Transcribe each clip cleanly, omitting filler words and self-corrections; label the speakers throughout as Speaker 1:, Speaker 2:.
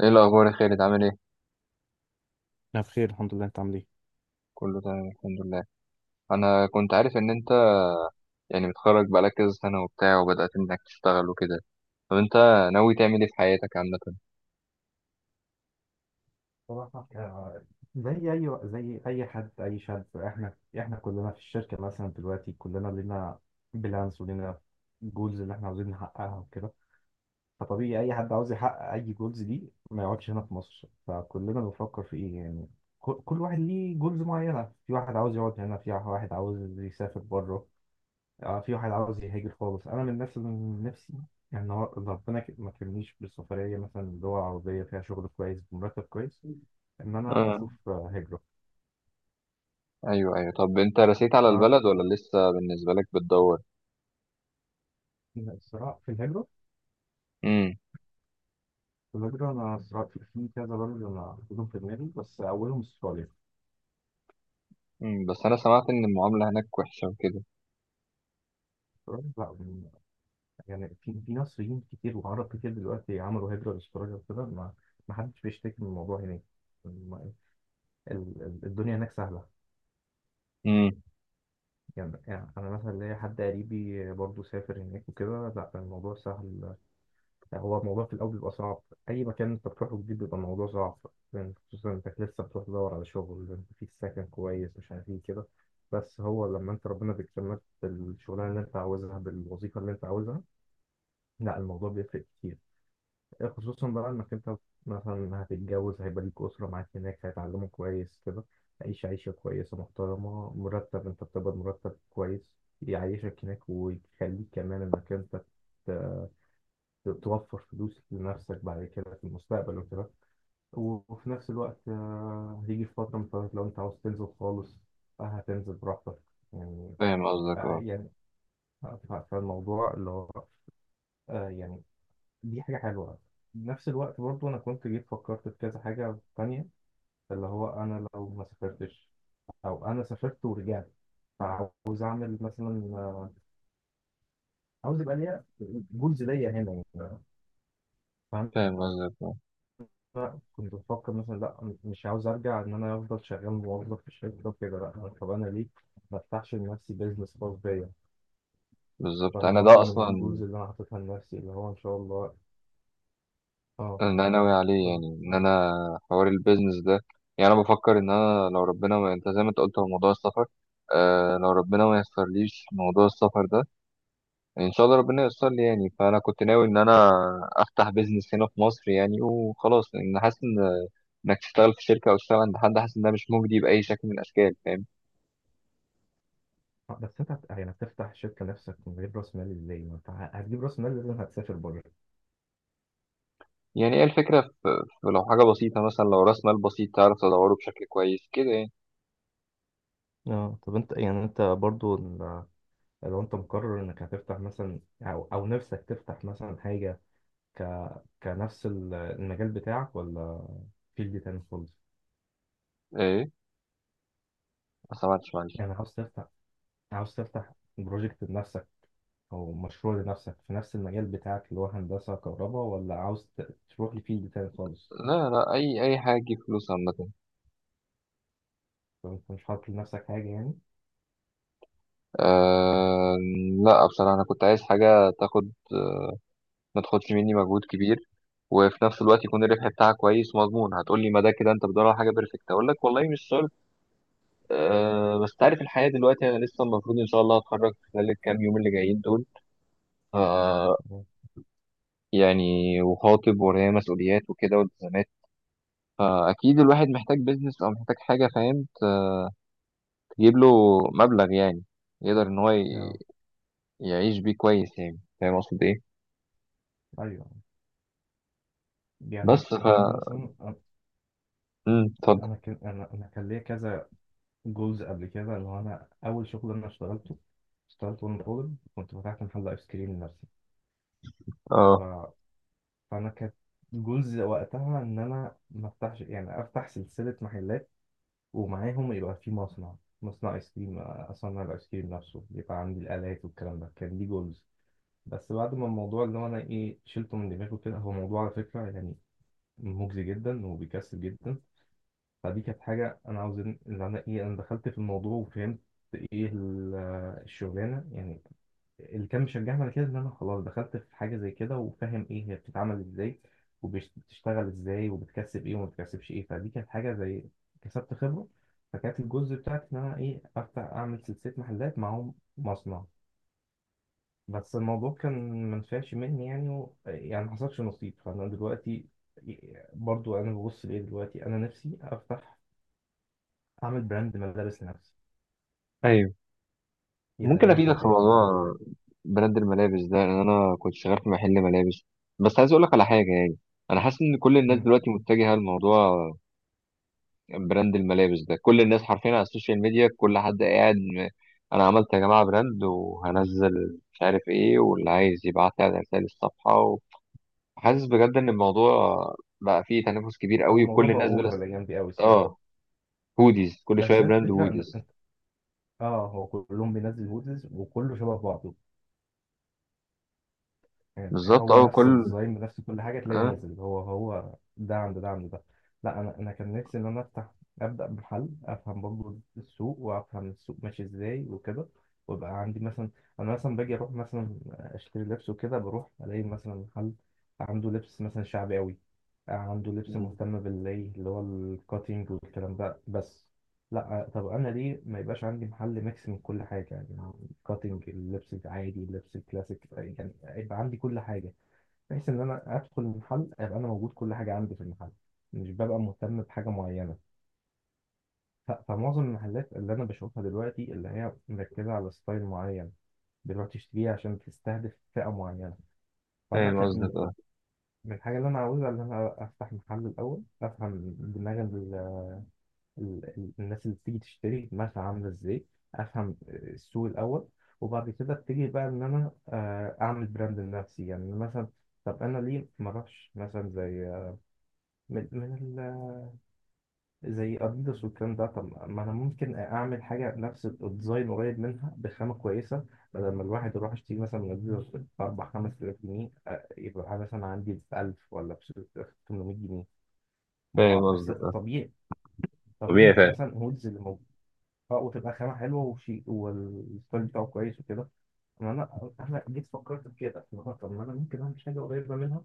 Speaker 1: ايه الاخبار يا خالد، عامل ايه؟
Speaker 2: انا بخير، الحمد لله. انت عامل ايه؟
Speaker 1: كله تمام، الحمد لله. انا كنت عارف ان انت يعني متخرج بقالك كذا سنه وبتاع وبدات انك تشتغل وكده. طب انت ناوي تعمل ايه في حياتك عامه؟
Speaker 2: صراحة، زي أي حد أي شاب، إحنا كلنا في الشركة مثلا دلوقتي كلنا لينا بلانس ولينا جولز اللي إحنا عاوزين نحققها وكده. فطبيعي أي حد عاوز يحقق أي جولز دي ما يقعدش هنا في مصر، فكلنا بنفكر في إيه يعني. كل واحد ليه جولز معينة، في واحد عاوز يقعد هنا، في واحد عاوز يسافر بره، اه في واحد عاوز يهاجر خالص. انا من نفسي يعني هو ربنا ما كرمنيش بالسفريه، مثلا دول عربيه فيها شغل كويس بمرتب كويس، ان انا
Speaker 1: اه.
Speaker 2: اشوف هجره.
Speaker 1: ايوه، ايوه، طب انت رسيت على البلد ولا لسه بالنسبه لك بتدور؟
Speaker 2: فالصراع في الهجره.
Speaker 1: امم
Speaker 2: انا صراع في كذا بلد انا حاططهم في دماغي، بس اولهم استراليا.
Speaker 1: أمم، بس انا سمعت ان المعامله هناك وحشه وكده.
Speaker 2: استراليا بقى من- يعني في مصريين كتير وعرب كتير دلوقتي عملوا هجره لاستراليا وكده. ما حدش بيشتكي من الموضوع هناك. الم- الدنيا هناك سهله.
Speaker 1: امم
Speaker 2: يعني أنا مثلا ليا حد قريبي برضه سافر هناك وكده، لا الموضوع سهل. يعني هو الموضوع في الأول بيبقى صعب، أي مكان أنت بتروحه جديد بيبقى الموضوع صعب، يعني خصوصا إنك لسه بتروح تدور على شغل، أنت فيك سكن كويس، مش عارف إيه كده. بس هو لما أنت ربنا بيكرمك بالشغلانة اللي أنت عاوزها، بالوظيفة اللي أنت عاوزها، لا الموضوع بيفرق كتير، خصوصا بقى انك انت مثلا هتتجوز، هيبقى ليك اسره معاك هناك، هيتعلموا كويس كده، عيش عيشه كويسه محترمه، مرتب انت بتقبض مرتب كويس يعيشك هناك، ويخليك كمان انك انت ت- توفر فلوس لنفسك بعد كده في المستقبل وكده. وفي نفس الوقت، هيجي في فتره من الفترات لو انت عاوز تنزل خالص، هتنزل براحتك يعني.
Speaker 1: فاهم قصدك،
Speaker 2: آه،
Speaker 1: اه.
Speaker 2: يعني فالموضوع اللي هو، آه، يعني دي حاجة حلوة. نفس الوقت برضو أنا كنت جيت فكرت في كذا حاجة تانية، اللي هو أنا لو ما سافرتش أو أنا سافرت ورجعت، فعاوز أعمل مثلا، عاوز يبقى ليا جولز ليا هنا يعني، فاهم.
Speaker 1: فاهم قصدك، اه.
Speaker 2: كنت بفكر مثلا لا مش عاوز أرجع، إن أنا أفضل شغال موظف في الشركة وكده، لا طب أنا ليه ما أفتحش لنفسي بيزنس خاص بيا.
Speaker 1: بالظبط،
Speaker 2: فأنا
Speaker 1: انا ده
Speaker 2: برضو من
Speaker 1: اصلا.
Speaker 2: الجولز اللي أنا حاططها لنفسي اللي هو إن شاء الله. أه.
Speaker 1: انا ناوي عليه يعني ان انا حوار البيزنس ده. يعني انا بفكر ان انا لو ربنا، ما انت زي ما انت قلت، هو موضوع السفر، لو ربنا ما يسرليش موضوع السفر ده، ان شاء الله ربنا ييسر لي يعني. فانا كنت ناوي ان انا افتح بيزنس هنا في مصر يعني وخلاص، لان حاسس ان انك تشتغل في شركه او تشتغل عند حد، حاسس ان ده مش مجدي باي شكل من الاشكال، فاهم؟
Speaker 2: بس انت يعني هتفتح شركه نفسك من غير راس مال ازاي؟ ما انت هتجيب راس مال، لازم هتسافر بره.
Speaker 1: يعني ايه الفكره في لو حاجه بسيطه، مثلا لو راس مال بسيط تعرف تدوره بشكل كويس كده يعني.
Speaker 2: اه طب انت يعني انت برضو لو انت مقرر انك هتفتح مثلا، او نفسك تفتح مثلا حاجه، ك كنفس المجال بتاعك ولا فيلد تاني خالص.
Speaker 1: ايه؟ ما سمعتش، معلش.
Speaker 2: يعني عاوز تفتح بروجكت لنفسك، او مشروع لنفسك في نفس المجال بتاعك اللي هو هندسه كهرباء، ولا عاوز تروح لفيلد تاني خالص،
Speaker 1: لا لا، اي حاجه تجيب فلوس عامه.
Speaker 2: لو انت مش حاطط لنفسك حاجه يعني.
Speaker 1: أه. لا بصراحة، أنا كنت عايز حاجة تاخد، ما تاخدش مني مجهود كبير، وفي نفس الوقت يكون الربح بتاعها كويس ومضمون. هتقولي ما ده كده أنت بتدور على حاجة بيرفكت، أقول لك والله مش شرط. أه، بس تعرف الحياة دلوقتي، أنا لسه المفروض إن شاء الله هتخرج خلال الكام يوم اللي جايين دول. أه.
Speaker 2: مم.
Speaker 1: يعني وخاطب ورايا مسؤوليات وكده والتزامات، فأكيد الواحد محتاج بيزنس أو محتاج حاجة، فاهم؟ تجيب له مبلغ يعني، يقدر إن هو
Speaker 2: اه،
Speaker 1: يعيش بيه كويس، يعني فاهم أقصد إيه.
Speaker 2: ايوه. يعني
Speaker 1: بس.
Speaker 2: انا مثلا
Speaker 1: اتفضل.
Speaker 2: انا كان انا أنا كان ليا كذا جولز قبل كده، اللي هو انا اول شغل انا اشتغلته، اشتغلت وانا طالب، كنت فتحت محل ايس كريم لنفسي ف...
Speaker 1: اه،
Speaker 2: فانا كانت جولز وقتها ان انا ما افتحش، يعني افتح سلسله محلات ومعاهم يبقى في مصنع، مصنع ايس كريم، اصنع الايس كريم نفسه، يبقى عندي الالات والكلام ده، كان دي جولز. بس بعد ما الموضوع اللي هو انا ايه شلته من دماغي كده، هو موضوع على فكره يعني مجزي جدا وبيكسب جدا. فدي كانت حاجة أنا عاوز إن إن أنا إيه أنا دخلت في الموضوع وفهمت إيه الشغلانة يعني. اللي كان مشجعني على كده إن أنا خلاص دخلت في حاجة زي كده وفاهم إيه هي بتتعمل إزاي وبتشتغل إزاي وبتكسب إيه وما بتكسبش إيه، فدي كانت حاجة زي كسبت خبرة. فكانت الجزء بتاعتي إن أنا إيه أفتح أعمل سلسلة محلات معاهم مصنع، بس الموضوع كان منفعش مني يعني و... يعني ما حصلش نصيب. فأنا دلوقتي برضو انا ببص لايه، دلوقتي انا نفسي افتح، اعمل براند ملابس لنفسي،
Speaker 1: ايوه.
Speaker 2: يبقى
Speaker 1: ممكن
Speaker 2: ليا
Speaker 1: افيدك في
Speaker 2: محلات مثلا
Speaker 1: موضوع
Speaker 2: زي.
Speaker 1: براند الملابس ده، لان انا كنت شغال في محل ملابس. بس عايز اقول لك على حاجه يعني، انا حاسس ان كل الناس
Speaker 2: مم.
Speaker 1: دلوقتي متجهه لموضوع براند الملابس ده. كل الناس حرفيا على السوشيال ميديا، كل حد قاعد. انا عملت يا جماعه براند وهنزل، مش عارف ايه، واللي عايز يبعت لي على رسائل الصفحه. وحاسس بجد ان الموضوع بقى فيه تنافس كبير
Speaker 2: او
Speaker 1: قوي،
Speaker 2: الموضوع
Speaker 1: وكل
Speaker 2: بقى
Speaker 1: الناس بلا.
Speaker 2: اوفر الايام دي قوي الصراحه.
Speaker 1: اه، هوديز، كل شويه
Speaker 2: بس هي
Speaker 1: براند
Speaker 2: الفكره
Speaker 1: هوديز.
Speaker 2: اه هو كلهم بينزل هودز وكله شبه بعضه،
Speaker 1: بالظبط،
Speaker 2: هو
Speaker 1: اه،
Speaker 2: نفس الديزاين بنفس كل حاجة، تلاقي
Speaker 1: اه،
Speaker 2: نازل هو هو ده عند ده عند ده. لا أنا كان نفسي إن أنا أفتح، أبدأ بمحل، أفهم برضه السوق وأفهم السوق ماشي إزاي وكده، ويبقى عندي مثلا. أنا مثلا باجي أروح مثلا أشتري لبس وكده، بروح ألاقي مثلا محل عنده لبس مثلا شعبي أوي، عنده لبس مهتم بالإيه اللي هو الكاتينج والكلام ده بس. لا طب أنا ليه ما يبقاش عندي محل ميكس من كل حاجة يعني، كاتنج، اللبس العادي، اللبس الكلاسيك، يعني يبقى عندي كل حاجه، بحيث ان انا ادخل المحل يبقى انا موجود كل حاجه عندي في المحل، مش ببقى مهتم بحاجه معينه. فمعظم المحلات اللي انا بشوفها دلوقتي اللي هي مركزه على ستايل معين، بتروح تشتريه عشان تستهدف فئه معينه. فانا
Speaker 1: فاهم
Speaker 2: كانت من
Speaker 1: قصدك، اه.
Speaker 2: الحاجه اللي انا عاوزها ان انا افتح محل الاول، افهم دماغ الناس اللي بتيجي تشتري دماغها عاملة ازاي، افهم السوق الاول، وبعد كده ابتدي بقى ان انا اعمل براند لنفسي يعني. مثلا طب انا ليه ما اروحش مثلا زي من ال... زي اديداس والكلام ده، طب ما انا ممكن اعمل حاجه نفس الديزاين قريب منها بخامه كويسه، بدل ما الواحد يروح يشتري مثلا من اديداس باربع خمس تلاف جنيه، يبقى مثلا عندي ب 1000 ولا ب 800 جنيه. ما هو
Speaker 1: فاهم قصدك،
Speaker 2: أصل
Speaker 1: اه.
Speaker 2: طبيعي، طبيعي
Speaker 1: طبيعي
Speaker 2: إن
Speaker 1: فعلا.
Speaker 2: مثلا هودز، اه وتبقى خامة حلوة وشيء والستايل بتاعه كويس وكده. أما أنا جيت فكرت في كده اللي هو، طب ما أنا ممكن أعمل حاجة قريبة منها،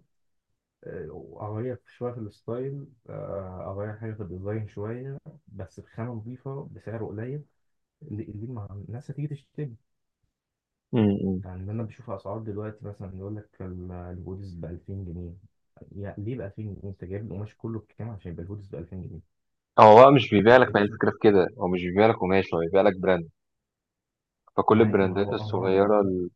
Speaker 2: وأغير شوية في الستايل، أغير حاجة في الديزاين شوية، بس بخامة نظيفة بسعر قليل، اللي ما- الناس هتيجي تشتري.
Speaker 1: أمم.
Speaker 2: يعني أنا بشوف أسعار دلوقتي مثلا يقول لك الهودز ب 2000 جنيه، يعني ليه ب 2000 جنيه؟ أنت جايب القماش كله بكام عشان يبقى الهودز ب 2000 جنيه؟
Speaker 1: هو بقى مش بيبيع لك،
Speaker 2: وتلاقي
Speaker 1: ما هي
Speaker 2: مثلا
Speaker 1: الفكرة في كده، هو مش بيبيع لك قماش، هو بيبيع لك براند. فكل
Speaker 2: معايا، ما
Speaker 1: البراندات
Speaker 2: هو هم،
Speaker 1: الصغيرة ال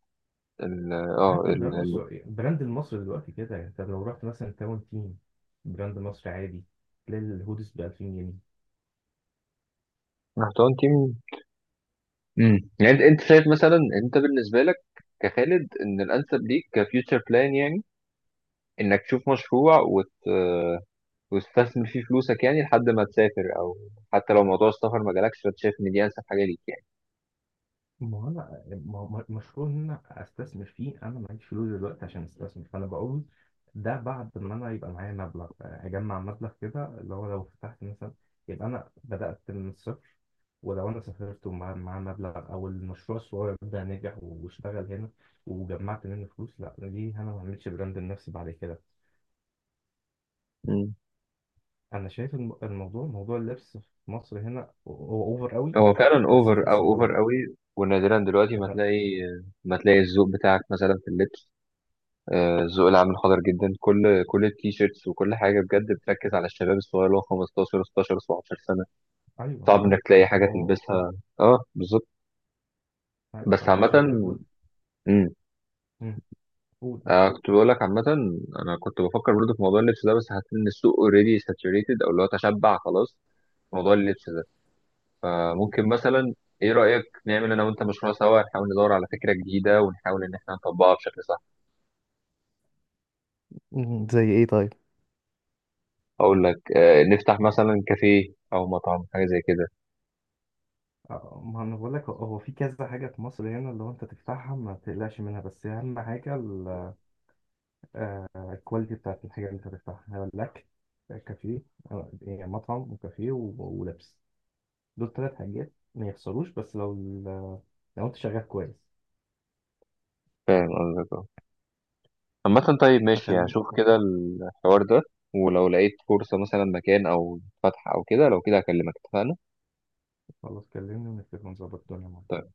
Speaker 1: ال- اه
Speaker 2: حتى
Speaker 1: ال-
Speaker 2: البراند
Speaker 1: ال-
Speaker 2: السعودي، البراند المصري دلوقتي كده، انت لو رحت مثلا تاون تيم، براند مصري عادي، تلاقي الهودز ب 2000 جنيه.
Speaker 1: محتوى تيم. يعني انت شايف مثلا، انت بالنسبه لك كخالد، ان الانسب ليك كفيوتشر بلان يعني، انك تشوف مشروع وتستثمر فيه فلوسك يعني، لحد ما تسافر، او حتى لو موضوع السفر ما جالكش، فانت شايف ان دي انسب حاجه ليك
Speaker 2: ما هو انا، ما هو مشروع ان انا استثمر فيه، انا معيش فلوس دلوقتي عشان استثمر، فانا بقول ده بعد ما انا يبقى معايا مبلغ، اجمع مبلغ كده، اللي هو لو فتحت مثلا يبقى انا بدأت من الصفر، ولو انا سافرت مع مبلغ او المشروع الصغير ده نجح واشتغل هنا وجمعت منه فلوس، لا ليه انا ما اعملش براند لنفسي بعد كده.
Speaker 1: يعني.
Speaker 2: انا شايف الموضوع، موضوع اللبس في مصر هنا هو اوفر قوي،
Speaker 1: هو فعلا
Speaker 2: بس
Speaker 1: اوفر، او
Speaker 2: بيكسب
Speaker 1: اوفر
Speaker 2: قوي
Speaker 1: قوي، ونادرا دلوقتي ما
Speaker 2: يعني.
Speaker 1: تلاقي، ما تلاقي الذوق بتاعك مثلا في اللبس. الذوق العام حاضر جدا، كل التيشيرتس وكل حاجه بجد بتركز على الشباب الصغير اللي هو 15 16 17 سنه.
Speaker 2: ايوه.
Speaker 1: صعب انك تلاقي حاجه
Speaker 2: هو هو.
Speaker 1: تلبسها. اه، بالظبط.
Speaker 2: عارف،
Speaker 1: بس
Speaker 2: انا
Speaker 1: عامه.
Speaker 2: عشان كده بقول.
Speaker 1: امم
Speaker 2: مم، قول.
Speaker 1: كنت بقول لك عامه، انا كنت بفكر برضه في موضوع اللبس ده، بس حسيت ان السوق اوريدي ساتوريتد، او اللي هو تشبع خلاص موضوع اللبس ده. فممكن مثلا، ايه رأيك نعمل انا وانت مشروع سوا، نحاول ندور على فكرة جديدة ونحاول ان احنا نطبقها بشكل صح.
Speaker 2: مم، زي ايه طيب؟
Speaker 1: اقول لك، نفتح مثلا كافيه او مطعم، حاجة زي كده.
Speaker 2: ما انا بقول لك، هو هو في كذا حاجه في مصر هنا اللي هو انت تفتحها ما تقلقش منها، بس اهم حاجه الكواليتي بتاعت الحاجه اللي انت تفتحها، لك كافيه، يعني مطعم وكافيه و- ولبس، دول ثلاث حاجات ما يخسروش، بس لو لو انت شغال كويس.
Speaker 1: فاهم قصدك، اه. عامة، طيب ماشي،
Speaker 2: فخليني.
Speaker 1: هشوف كده الحوار ده. ولو لقيت فرصة مثلا مكان او فتح او كده، لو كده هكلمك، اتفقنا.
Speaker 2: خلاص، كلمني ونتفق ونظبط الدنيا.
Speaker 1: طيب.